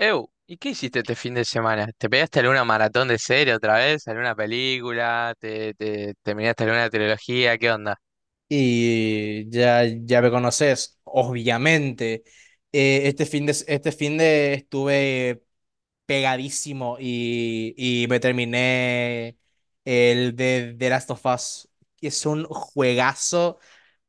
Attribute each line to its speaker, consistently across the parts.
Speaker 1: ¿Y qué hiciste este fin de semana? ¿Te pegaste alguna maratón de serie otra vez? ¿Alguna película? ¿Te terminaste alguna trilogía? ¿Qué onda?
Speaker 2: Y ya, ya me conoces, obviamente. Este fin de estuve pegadísimo y me terminé el de The Last of Us, que es un juegazo.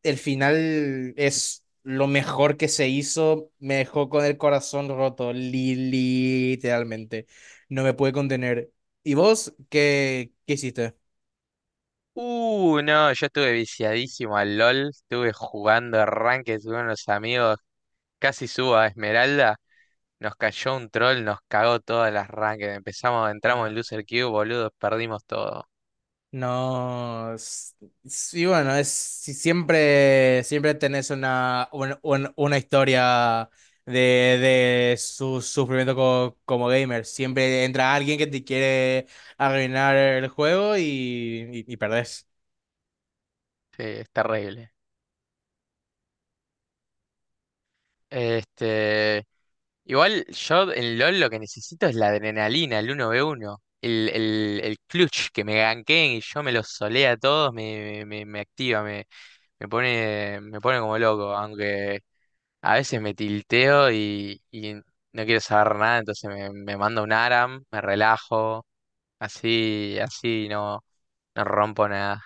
Speaker 2: El final es lo mejor que se hizo, me dejó con el corazón roto, literalmente. No me pude contener. ¿Y vos qué hiciste?
Speaker 1: No, yo estuve viciadísimo al LOL, estuve jugando arranque, estuve con los amigos, casi subo a Esmeralda, nos cayó un troll, nos cagó todas las ranked, empezamos, entramos en Loser Queue, boludo, perdimos todo.
Speaker 2: No, sí, bueno, es si siempre tenés una historia de su sufrimiento como gamer. Siempre entra alguien que te quiere arruinar el juego y perdés.
Speaker 1: Sí, es terrible. Este, Igual yo en LOL lo que necesito es la adrenalina, el uno v uno el clutch, que me ganqueen y yo me los solea a todos, me activa, me pone como loco, aunque a veces me tilteo y, no quiero saber nada, entonces me mando un ARAM, me relajo, así, así no, no rompo nada.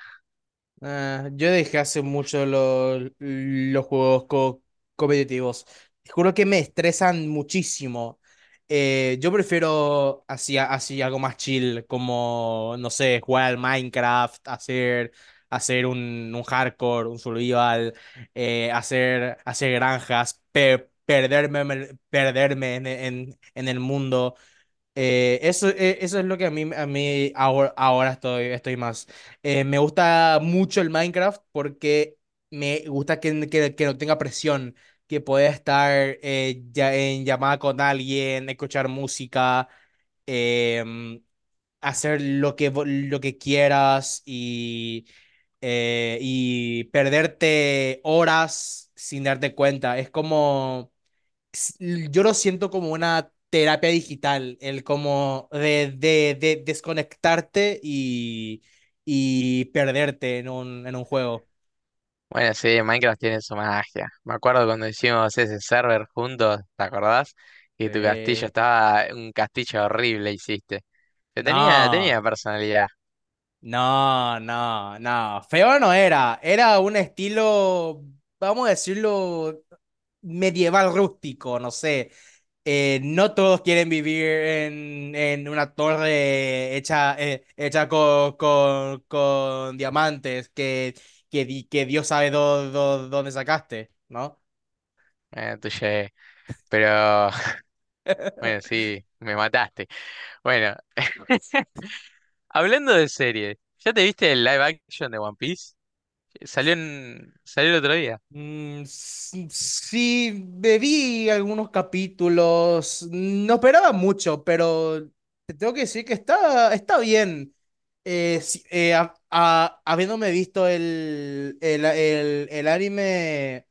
Speaker 2: Ah, yo dejé hace mucho los juegos competitivos. Te juro que me estresan muchísimo. Yo prefiero así algo más chill, como, no sé, jugar al Minecraft, hacer un hardcore, un survival, hacer granjas, perderme, perderme en el mundo. Eso es lo que a mí ahora estoy más. Me gusta mucho el Minecraft porque me gusta que no tenga presión, que pueda estar ya en llamada con alguien, escuchar música, em, hacer lo que quieras y perderte horas sin darte cuenta. Es como yo lo siento como una terapia digital, el como de desconectarte y perderte en un juego.
Speaker 1: Bueno, sí, Minecraft tiene su magia. Me acuerdo cuando hicimos ese server juntos, ¿te acordás? Y tu castillo
Speaker 2: Sí.
Speaker 1: estaba, un castillo horrible hiciste. Que tenía,
Speaker 2: No.
Speaker 1: tenía personalidad,
Speaker 2: No, no, no. Feo no era. Era un estilo, vamos a decirlo, medieval rústico, no sé. No todos quieren vivir en una torre hecha, hecha con diamantes que Dios sabe dónde sacaste, ¿no?
Speaker 1: tuyo, pero bueno, sí, me mataste. Bueno, hablando de series, ¿ya te viste el live action de One Piece? Salió el otro día.
Speaker 2: Mm, sí, bebí algunos capítulos, no esperaba mucho, pero te tengo que decir que está bien. Sí, habiéndome visto el anime,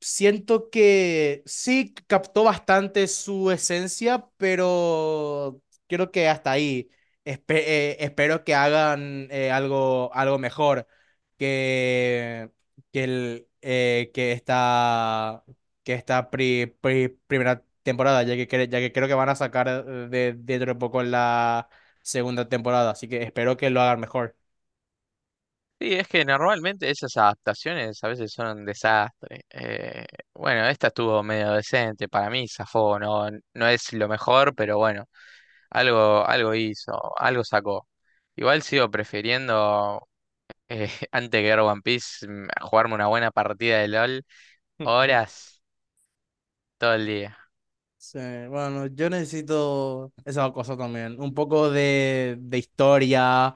Speaker 2: siento que sí captó bastante su esencia, pero creo que hasta ahí. Espero que hagan algo mejor. Que que, el, eh, que esta, que esta primera temporada, ya que creo que van a sacar dentro de poco la segunda temporada, así que espero que lo hagan mejor.
Speaker 1: Sí, es que normalmente esas adaptaciones a veces son un desastre. Bueno, esta estuvo medio decente, para mí zafó, no, no es lo mejor, pero bueno, algo, algo hizo, algo sacó. Igual sigo prefiriendo, antes que ver One Piece, a jugarme una buena partida de LOL, horas, todo el día.
Speaker 2: Sí, bueno, yo necesito esa cosa también. Un poco de historia,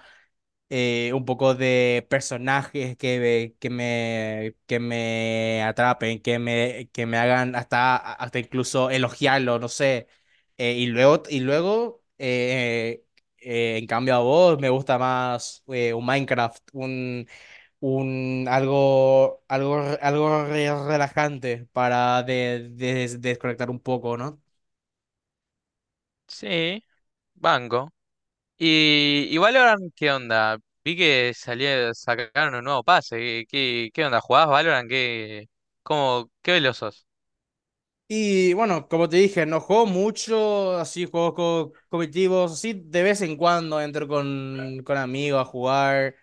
Speaker 2: un poco de personajes que me atrapen, que me hagan hasta incluso elogiarlo, no sé. Y luego, en cambio a vos me gusta más un Minecraft, un algo relajante para desconectar un poco, ¿no?
Speaker 1: Sí, banco. Y Valorant, ¿qué onda? Vi que salió, sacaron un nuevo pase, ¿qué onda? ¿Jugás Valorant? ¿Qué veloz sos?
Speaker 2: Y bueno, como te dije, no juego mucho, así juegos competitivos, así de vez en cuando entro con amigos a jugar.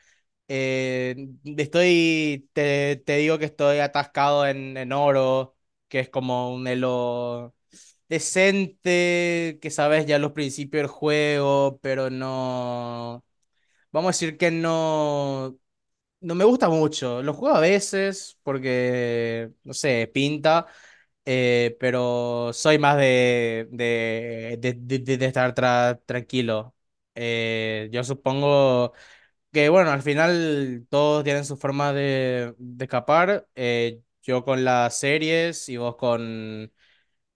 Speaker 2: Eh, te digo que estoy atascado en oro, que es como un elo decente, que sabes ya los principios del juego, pero no, vamos a decir que no, no me gusta mucho. Lo juego a veces porque, no sé, pinta. Pero soy más de estar tranquilo. Yo supongo que, bueno, al final todos tienen su forma de escapar. Yo con las series y vos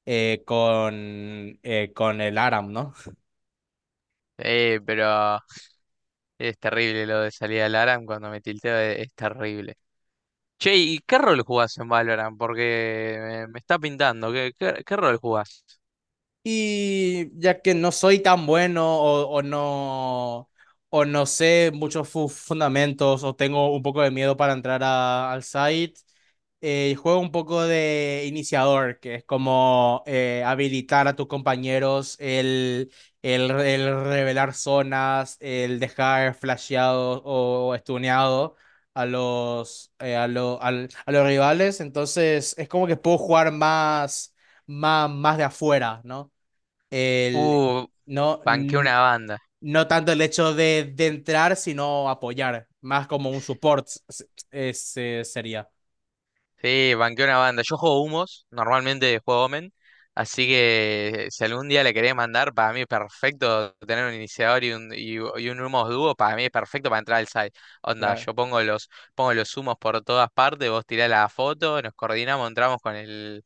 Speaker 2: eh, con, con el Aram, ¿no?
Speaker 1: Pero es terrible lo de salir al ARAM cuando me tilteo, es, terrible. Che, ¿y qué rol jugás en Valorant? Porque me está pintando, ¿qué rol jugás?
Speaker 2: Y ya que no soy tan bueno o no sé muchos fundamentos o tengo un poco de miedo para entrar al site, juego un poco de iniciador, que es como habilitar a tus compañeros el revelar zonas, el dejar flasheado o stuneado a los, a, lo- al- a los rivales. Entonces es como que puedo jugar más, más, más de afuera, ¿no? el,
Speaker 1: Uh,
Speaker 2: no,
Speaker 1: Banqué
Speaker 2: n-
Speaker 1: una banda.
Speaker 2: no tanto el hecho de entrar, sino apoyar, más como un support ese sería.
Speaker 1: Sí, banqué una banda. Yo juego humos, normalmente juego Omen, así que si algún día le querés mandar, para mí es perfecto tener un iniciador y un humos dúo, para mí es perfecto para entrar al site. Onda, yo pongo los humos por todas partes, vos tirás la foto, nos coordinamos, entramos con el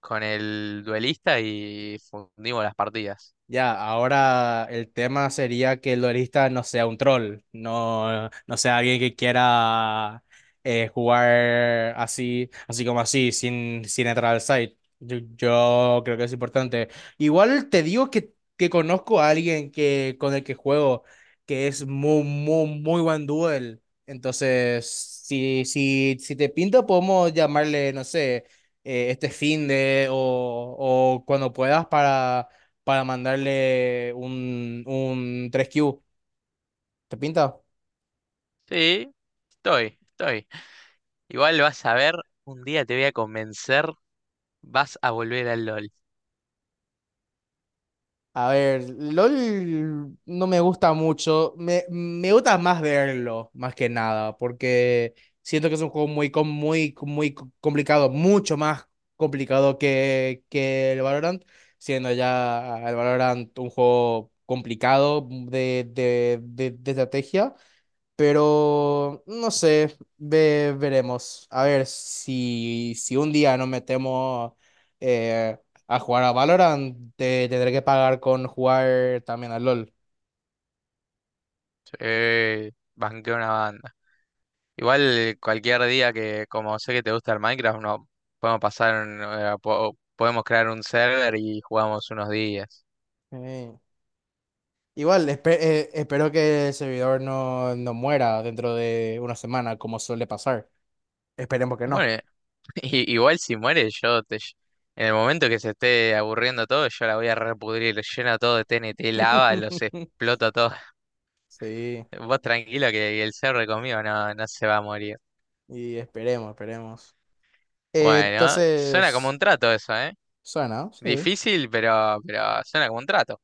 Speaker 1: con el duelista y fundimos las partidas.
Speaker 2: Ya, ahora el tema sería que el duelista no sea un troll, no sea alguien que quiera jugar así como así, sin entrar al site. Yo creo que es importante. Igual te digo que conozco a alguien que, con el que juego, que es muy, muy, muy buen duel. Entonces, si te pinta, podemos llamarle, no sé, este finde o cuando puedas para mandarle un tres q. ¿Te pinta?
Speaker 1: Sí, estoy, estoy. Igual vas a ver, un día te voy a convencer, vas a volver al LOL.
Speaker 2: A ver, LOL no me gusta mucho. Me gusta más verlo, más que nada, porque siento que es un juego muy complicado, mucho más complicado que el Valorant, siendo ya el Valorant un juego complicado de estrategia. Pero no sé, veremos. A ver si un día nos metemos eh, a jugar a Valorant, te tendré que pagar con jugar también al LOL.
Speaker 1: Sí, banqué una banda. Igual cualquier día que, como sé que te gusta el Minecraft, no podemos pasar, podemos crear un server y jugamos unos días.
Speaker 2: Eh, Igual, espero que el servidor no muera dentro de una semana, como suele pasar. Esperemos que no.
Speaker 1: Bueno, igual si muere yo te... En el momento que se esté aburriendo todo, yo la voy a repudrir, lleno todo de TNT, lava, los exploto a todos.
Speaker 2: Sí,
Speaker 1: Vos tranquilo que el cerro conmigo no, no se va a morir.
Speaker 2: y esperemos, esperemos. Eh,
Speaker 1: Bueno, suena como un
Speaker 2: entonces,
Speaker 1: trato eso, ¿eh?
Speaker 2: suena, sí.
Speaker 1: Difícil, pero, suena como un trato.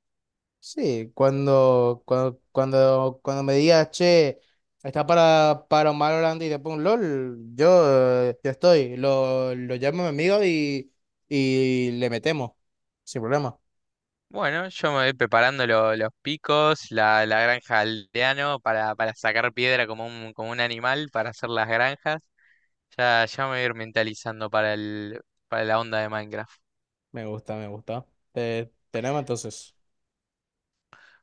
Speaker 2: Sí, cuando me digas, che, está para Omar Orlando y te pongo LOL, yo estoy, lo llamo a mi amigo y le metemos, sin problema.
Speaker 1: Bueno, yo me voy preparando los picos, la granja aldeano para sacar piedra como un, animal para hacer las granjas. Ya, ya me voy a ir mentalizando para la onda de Minecraft.
Speaker 2: Me gusta, me gusta. Tenemos entonces.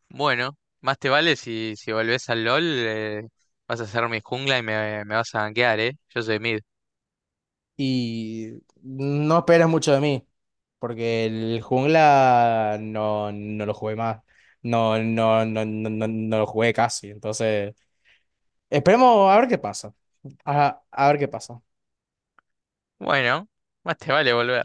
Speaker 1: Bueno, más te vale si volvés al LOL, vas a hacer mi jungla y me vas a banquear, ¿eh? Yo soy mid.
Speaker 2: Y no esperes mucho de mí, porque el jungla no lo jugué más, no lo jugué casi, entonces esperemos a ver qué pasa, a ver qué pasa.
Speaker 1: Bueno, más te vale volver.